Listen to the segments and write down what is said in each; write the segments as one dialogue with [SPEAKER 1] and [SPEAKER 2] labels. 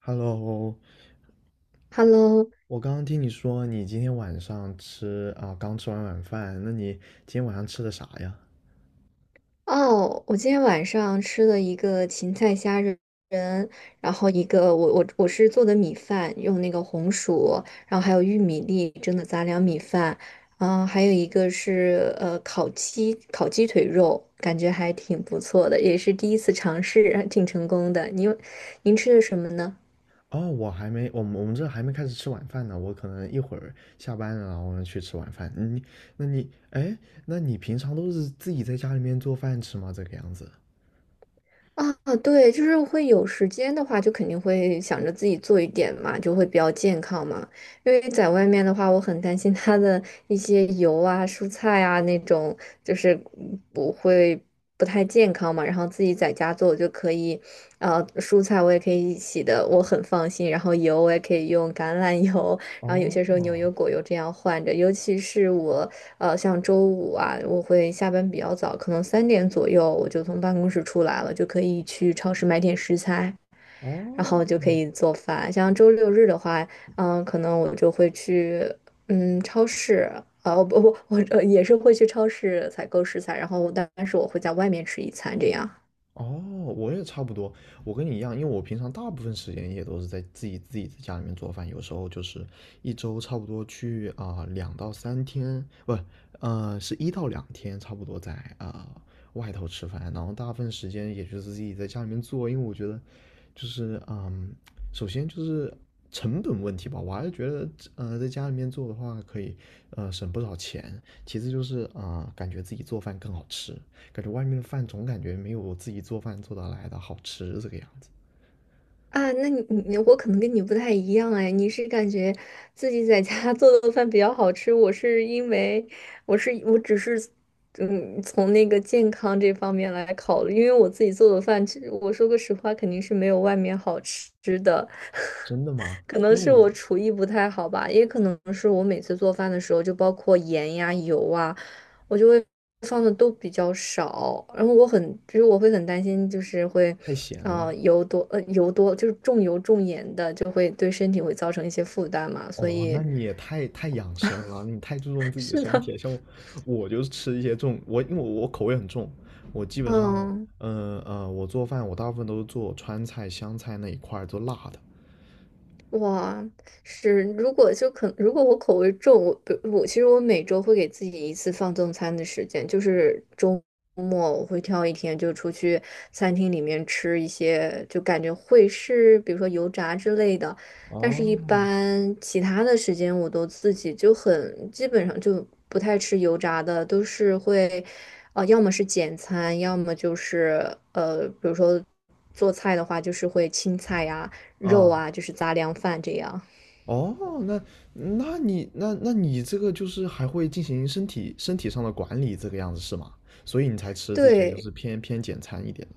[SPEAKER 1] Hello，
[SPEAKER 2] Hello，
[SPEAKER 1] 我刚刚听你说你今天晚上吃，刚吃完晚饭，那你今天晚上吃的啥呀？
[SPEAKER 2] 哦，我今天晚上吃了一个芹菜虾仁，然后一个我是做的米饭，用那个红薯，然后还有玉米粒蒸的杂粮米饭，还有一个是烤鸡腿肉，感觉还挺不错的，也是第一次尝试，还挺成功的。您吃的什么呢？
[SPEAKER 1] 哦，我还没，我们这还没开始吃晚饭呢，我可能一会儿下班了，然后呢去吃晚饭。你，那你，哎，那你平常都是自己在家里面做饭吃吗？这个样子？
[SPEAKER 2] 啊，对，就是会有时间的话，就肯定会想着自己做一点嘛，就会比较健康嘛。因为在外面的话，我很担心它的一些油啊、蔬菜啊那种，就是不会不太健康嘛。然后自己在家做就可以，蔬菜我也可以洗的，我很放心。然后油我也可以用橄榄油，然后有些时候牛
[SPEAKER 1] 哦，
[SPEAKER 2] 油果油这样换着，尤其是我像周五啊，我会下班比较早，可能3点左右我就从办公室出来了，就可以去超市买点食材，然
[SPEAKER 1] 哦，
[SPEAKER 2] 后就可以做饭。像周六日的话，可能我就会去超市。啊，不不，我也是会去超市采购食材，然后但是我会在外面吃一餐这样。
[SPEAKER 1] 哦，我也差不多，我跟你一样，因为我平常大部分时间也都是在自己自己在家里面做饭，有时候就是一周差不多去两到三天，不，呃，是一到两天，差不多在啊、外头吃饭，然后大部分时间也就是自己在家里面做，因为我觉得就是嗯，首先就是成本问题吧，我还是觉得在家里面做的话可以省不少钱，其次就是感觉自己做饭更好吃，感觉外面的饭总感觉没有我自己做饭做得来的好吃这个样子。
[SPEAKER 2] 啊，那我可能跟你不太一样哎，你是感觉自己在家 做的饭比较好吃，我是因为我只是从那个健康这方面来考虑，因为我自己做的饭，其实我说个实话，肯定是没有外面好吃的，
[SPEAKER 1] 真的吗？
[SPEAKER 2] 可能
[SPEAKER 1] 因为
[SPEAKER 2] 是我
[SPEAKER 1] 我
[SPEAKER 2] 厨艺不太好吧，也可能是我每次做饭的时候，就包括盐呀、油啊。我就会放的都比较少，然后我很，就是我会很担心，就是会，
[SPEAKER 1] 太闲了。
[SPEAKER 2] 啊油多就是重油重盐的，就会对身体会造成一些负担嘛，所
[SPEAKER 1] 哦，那
[SPEAKER 2] 以
[SPEAKER 1] 你也太养生了，你太注重 自己的
[SPEAKER 2] 是
[SPEAKER 1] 身
[SPEAKER 2] 的，
[SPEAKER 1] 体了。像我，我就是吃一些重，因为我口味很重，我基本上，
[SPEAKER 2] 嗯。
[SPEAKER 1] 我做饭我大部分都是做川菜、湘菜那一块儿，做辣的。
[SPEAKER 2] 哇，是，如果就可，如果我口味重，我比如我其实我每周会给自己一次放纵餐的时间，就是周末我会挑一天就出去餐厅里面吃一些，就感觉会是比如说油炸之类的，但是一
[SPEAKER 1] 哦，
[SPEAKER 2] 般其他的时间我都自己就很基本上就不太吃油炸的，都是会，要么是简餐，要么就是比如说做菜的话就是会青菜呀。肉
[SPEAKER 1] 啊、
[SPEAKER 2] 啊，就是杂粮饭这样。
[SPEAKER 1] 哦，那那你这个就是还会进行身体上的管理，这个样子是吗？所以你才吃这些就是
[SPEAKER 2] 对，
[SPEAKER 1] 偏简餐一点的。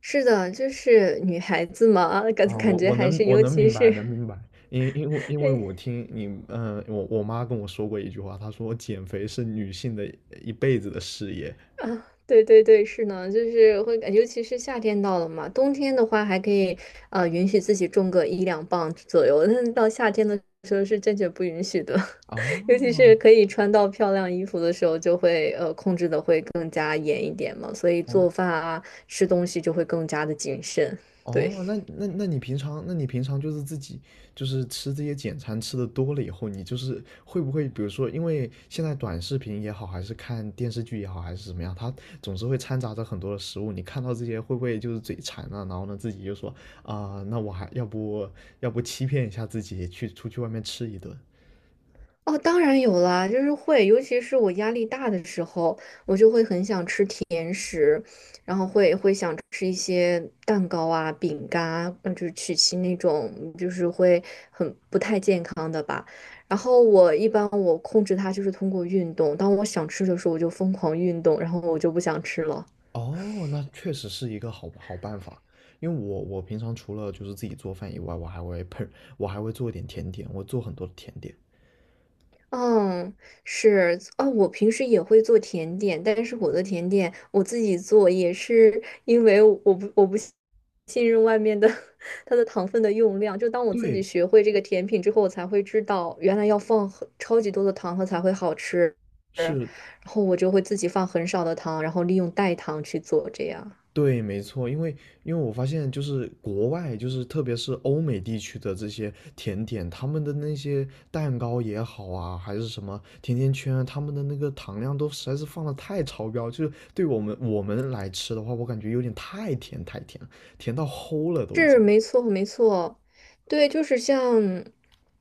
[SPEAKER 2] 是的，就是女孩子嘛，感
[SPEAKER 1] 啊，
[SPEAKER 2] 感
[SPEAKER 1] 我
[SPEAKER 2] 觉
[SPEAKER 1] 我
[SPEAKER 2] 还
[SPEAKER 1] 能
[SPEAKER 2] 是，
[SPEAKER 1] 我
[SPEAKER 2] 尤
[SPEAKER 1] 能
[SPEAKER 2] 其
[SPEAKER 1] 明白
[SPEAKER 2] 是，
[SPEAKER 1] 。因因为 因为
[SPEAKER 2] 哎
[SPEAKER 1] 我听你我妈跟我说过一句话，她说减肥是女性的一辈子的事业。
[SPEAKER 2] 啊，对对对，是呢，就是会感，尤其是夏天到了嘛，冬天的话还可以，允许自己种个一两磅左右，但是到夏天的时候是坚决不允许的，尤其是
[SPEAKER 1] 哦，
[SPEAKER 2] 可以穿到漂亮衣服的时候，就会控制的会更加严一点嘛，所以
[SPEAKER 1] 我
[SPEAKER 2] 做饭啊，吃东西就会更加的谨慎，对。
[SPEAKER 1] 哦，那你平常就是自己就是吃这些简餐吃的多了以后，你就是会不会，比如说，因为现在短视频也好，还是看电视剧也好，还是怎么样，它总是会掺杂着很多的食物，你看到这些会不会就是嘴馋了，然后呢自己就说啊、那我还要不要不欺骗一下自己，去出去外面吃一顿？
[SPEAKER 2] 哦，当然有啦，就是会，尤其是我压力大的时候，我就会很想吃甜食，然后会想吃一些蛋糕啊、饼干啊，就是曲奇那种，就是会很不太健康的吧。然后我一般我控制它就是通过运动，当我想吃的时候，我就疯狂运动，然后我就不想吃了。
[SPEAKER 1] 哦，那确实是一个好办法。因为我我平常除了就是自己做饭以外，我还会 我还会做一点甜点，我做很多的甜点。
[SPEAKER 2] 嗯，是哦，我平时也会做甜点，但是我的甜点我自己做，也是因为我不我不信信任外面的 它的糖分的用量。就当我自己
[SPEAKER 1] 对，
[SPEAKER 2] 学会这个甜品之后，我才会知道原来要放很超级多的糖它才会好吃，然
[SPEAKER 1] 是，
[SPEAKER 2] 后我就会自己放很少的糖，然后利用代糖去做这样。
[SPEAKER 1] 对，没错，因为我发现就是国外，就是特别是欧美地区的这些甜点，他们的那些蛋糕也好啊，还是什么甜甜圈啊他们的那个糖量都实在是放的太超标，就是对我们来吃的话，我感觉有点太甜了，甜到齁了都已
[SPEAKER 2] 是
[SPEAKER 1] 经。
[SPEAKER 2] 没错，没错，对，就是像，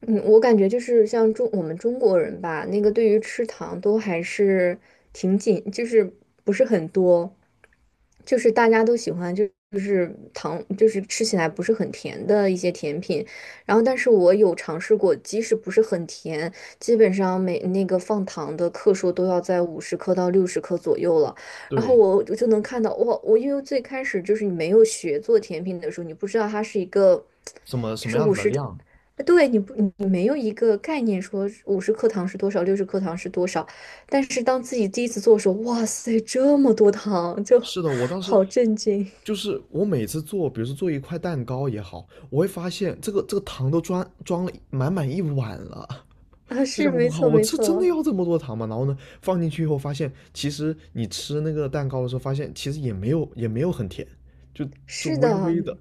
[SPEAKER 2] 我感觉就是像我们中国人吧，那个对于吃糖都还是挺紧，就是不是很多。就是大家都喜欢，就是糖，就是吃起来不是很甜的一些甜品。然后，但是我有尝试过，即使不是很甜，基本上每那个放糖的克数都要在五十克到六十克左右了。然后
[SPEAKER 1] 对，
[SPEAKER 2] 我就能看到，哇，我因为最开始就是你没有学做甜品的时候，你不知道它是一个，
[SPEAKER 1] 什么
[SPEAKER 2] 就
[SPEAKER 1] 什么
[SPEAKER 2] 是
[SPEAKER 1] 样
[SPEAKER 2] 五
[SPEAKER 1] 子的
[SPEAKER 2] 十。
[SPEAKER 1] 量？
[SPEAKER 2] 对，你没有一个概念说五十克糖是多少，六十克糖是多少，但是当自己第一次做的时候，哇塞，这么多糖，就
[SPEAKER 1] 是的，我当时
[SPEAKER 2] 好震惊
[SPEAKER 1] 就是我每次做，比如说做一块蛋糕也好，我会发现这个糖都装了满满一碗了。
[SPEAKER 2] 啊！
[SPEAKER 1] 就
[SPEAKER 2] 是，
[SPEAKER 1] 想
[SPEAKER 2] 没
[SPEAKER 1] 我靠，
[SPEAKER 2] 错，
[SPEAKER 1] 我
[SPEAKER 2] 没
[SPEAKER 1] 这真的
[SPEAKER 2] 错，
[SPEAKER 1] 要这么多糖吗？然后呢，放进去以后发现，其实你吃那个蛋糕的时候，发现其实也没有很甜，就
[SPEAKER 2] 是
[SPEAKER 1] 微
[SPEAKER 2] 的，
[SPEAKER 1] 微的。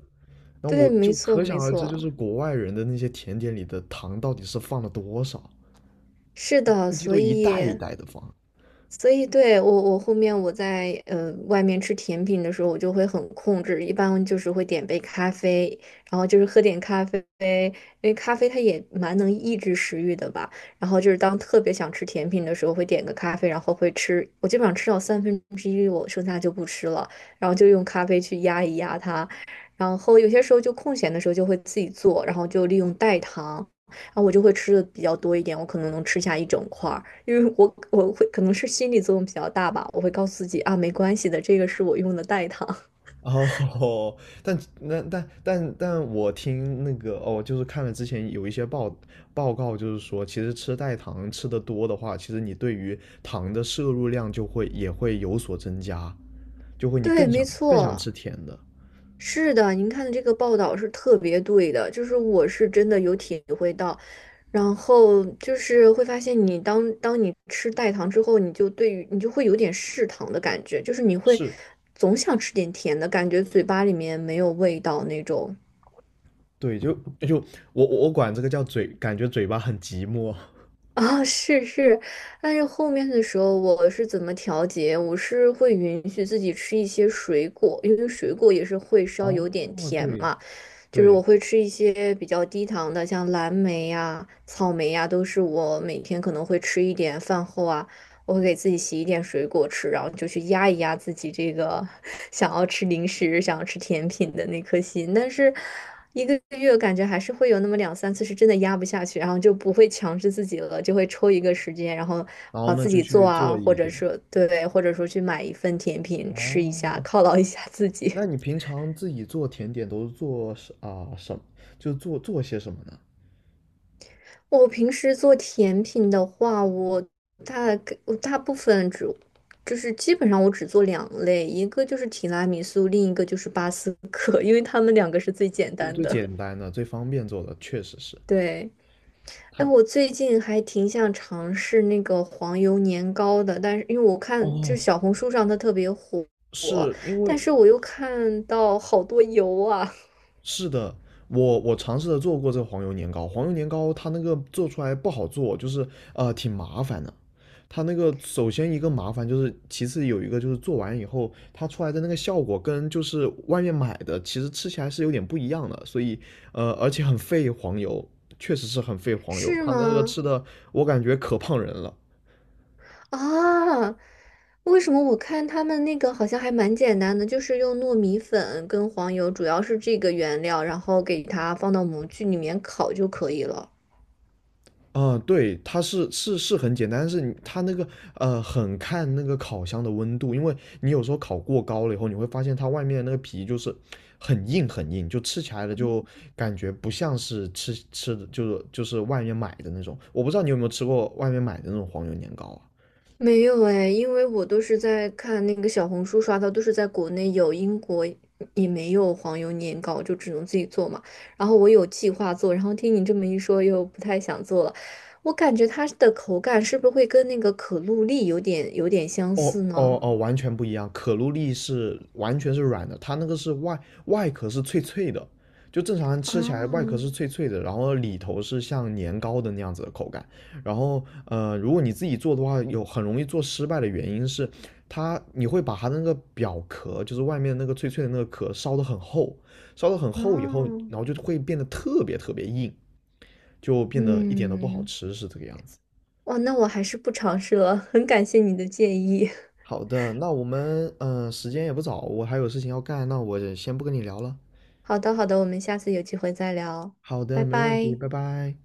[SPEAKER 1] 然后
[SPEAKER 2] 对，
[SPEAKER 1] 我
[SPEAKER 2] 没
[SPEAKER 1] 就
[SPEAKER 2] 错，
[SPEAKER 1] 可
[SPEAKER 2] 没
[SPEAKER 1] 想而知，就
[SPEAKER 2] 错，
[SPEAKER 1] 是国外人的那些甜点里的糖到底是放了多少，
[SPEAKER 2] 是的，
[SPEAKER 1] 估计
[SPEAKER 2] 所
[SPEAKER 1] 都一袋一
[SPEAKER 2] 以。
[SPEAKER 1] 袋的放。
[SPEAKER 2] 所以对我，我后面我在外面吃甜品的时候，我就会很控制，一般就是会点杯咖啡，然后就是喝点咖啡，因为咖啡它也蛮能抑制食欲的吧。然后就是当特别想吃甜品的时候，会点个咖啡，然后会吃，我基本上吃到1/3，我剩下就不吃了，然后就用咖啡去压一压它。然后有些时候就空闲的时候就会自己做，然后就利用代糖。啊，我就会吃的比较多一点，我可能能吃下一整块儿，因为我会可能是心理作用比较大吧，我会告诉自己啊，没关系的，这个是我用的代糖。
[SPEAKER 1] 哦，但我听那个哦，就是看了之前有一些报告，就是说，其实吃代糖吃的多的话，其实你对于糖的摄入量就会也会有所增加，就会你
[SPEAKER 2] 对，
[SPEAKER 1] 更
[SPEAKER 2] 没
[SPEAKER 1] 想更想
[SPEAKER 2] 错，
[SPEAKER 1] 吃甜的。
[SPEAKER 2] 是的，您看的这个报道是特别对的，就是我是真的有体会到，然后就是会发现你当你吃代糖之后，你就对于你就会有点嗜糖的感觉，就是你会
[SPEAKER 1] 是，
[SPEAKER 2] 总想吃点甜的感觉，嘴巴里面没有味道那种。
[SPEAKER 1] 对，就就我我管这个叫嘴，感觉嘴巴很寂寞。
[SPEAKER 2] 啊、是是，但是后面的时候我是怎么调节？我是会允许自己吃一些水果，因为水果也是会 稍有点
[SPEAKER 1] 哦，
[SPEAKER 2] 甜
[SPEAKER 1] 对
[SPEAKER 2] 嘛。就是我
[SPEAKER 1] 对，
[SPEAKER 2] 会吃一些比较低糖的，像蓝莓呀、草莓呀，都是我每天可能会吃一点。饭后啊，我会给自己洗一点水果吃，然后就去压一压自己这个 想要吃零食、想要吃甜品的那颗心。但是一个月感觉还是会有那么两三次是真的压不下去，然后就不会强制自己了，就会抽一个时间，然后
[SPEAKER 1] 然后
[SPEAKER 2] 啊、
[SPEAKER 1] 呢
[SPEAKER 2] 自
[SPEAKER 1] 就
[SPEAKER 2] 己
[SPEAKER 1] 去
[SPEAKER 2] 做啊，
[SPEAKER 1] 做
[SPEAKER 2] 或
[SPEAKER 1] 一
[SPEAKER 2] 者
[SPEAKER 1] 点。
[SPEAKER 2] 说对，或者说去买一份甜品吃一下，
[SPEAKER 1] 哦，
[SPEAKER 2] 犒劳一下自己。
[SPEAKER 1] 那你平常自己做甜点都是做什么？就做做些什么呢？
[SPEAKER 2] 我平时做甜品的话，我大部分只就是基本上我只做2类，一个就是提拉米苏，另一个就是巴斯克，因为他们2个是最简
[SPEAKER 1] 最
[SPEAKER 2] 单
[SPEAKER 1] 最
[SPEAKER 2] 的。
[SPEAKER 1] 简单的、最方便做的，确实是
[SPEAKER 2] 对，哎，
[SPEAKER 1] 它。
[SPEAKER 2] 我最近还挺想尝试那个黄油年糕的，但是因为我看就
[SPEAKER 1] 哦，
[SPEAKER 2] 是小红书上它特别火，
[SPEAKER 1] 是因
[SPEAKER 2] 但
[SPEAKER 1] 为
[SPEAKER 2] 是我又看到好多油啊，
[SPEAKER 1] 是的，我尝试着做过这个黄油年糕，黄油年糕它那个做出来不好做，就是挺麻烦的。它那个首先一个麻烦就是，其次有一个就是做完以后，它出来的那个效果跟就是外面买的其实吃起来是有点不一样的，所以而且很费黄油，确实是很费 黄油，
[SPEAKER 2] 是
[SPEAKER 1] 它那个
[SPEAKER 2] 吗？
[SPEAKER 1] 吃的我感觉可胖人了。
[SPEAKER 2] 啊，为什么我看他们那个好像还蛮简单的，就是用糯米粉跟黄油，主要是这个原料，然后给它放到模具里面烤就可以了。
[SPEAKER 1] 嗯，对，它是很简单，但是你它那个很看那个烤箱的温度，因为你有时候烤过高了以后，你会发现它外面那个皮就是很硬，就吃起来的就感觉不像是吃的，就是外面买的那种。我不知道你有没有吃过外面买的那种黄油年糕啊？
[SPEAKER 2] 没有哎，因为我都是在看那个小红书刷到，都是在国内有，英国也没有黄油年糕，就只能自己做嘛。然后我有计划做，然后听你这么一说，又不太想做了。我感觉它的口感是不是会跟那个可露丽有点相似呢？
[SPEAKER 1] 哦，完全不一样。可露丽是完全是软的，它那个是外壳是脆脆的，就正常人吃起来外壳
[SPEAKER 2] 啊
[SPEAKER 1] 是脆脆的，然后里头是像年糕的那样子的口感。然后如果你自己做的话，有很容易做失败的原因是它你会把它那个表壳，就是外面那个脆脆的那个壳烧得很厚，烧得很
[SPEAKER 2] 啊！
[SPEAKER 1] 厚以后，然后就会变得特别硬，就变得一点都不好
[SPEAKER 2] 嗯，
[SPEAKER 1] 吃，是这个样子。
[SPEAKER 2] 哇，那我还是不尝试了，很感谢你的建议。
[SPEAKER 1] 好的，那我们嗯，时间也不早，我还有事情要干，那我先不跟你聊了。
[SPEAKER 2] 好的，好的，我们下次有机会再聊，
[SPEAKER 1] 好的，
[SPEAKER 2] 拜
[SPEAKER 1] 没问题，
[SPEAKER 2] 拜。
[SPEAKER 1] 拜拜。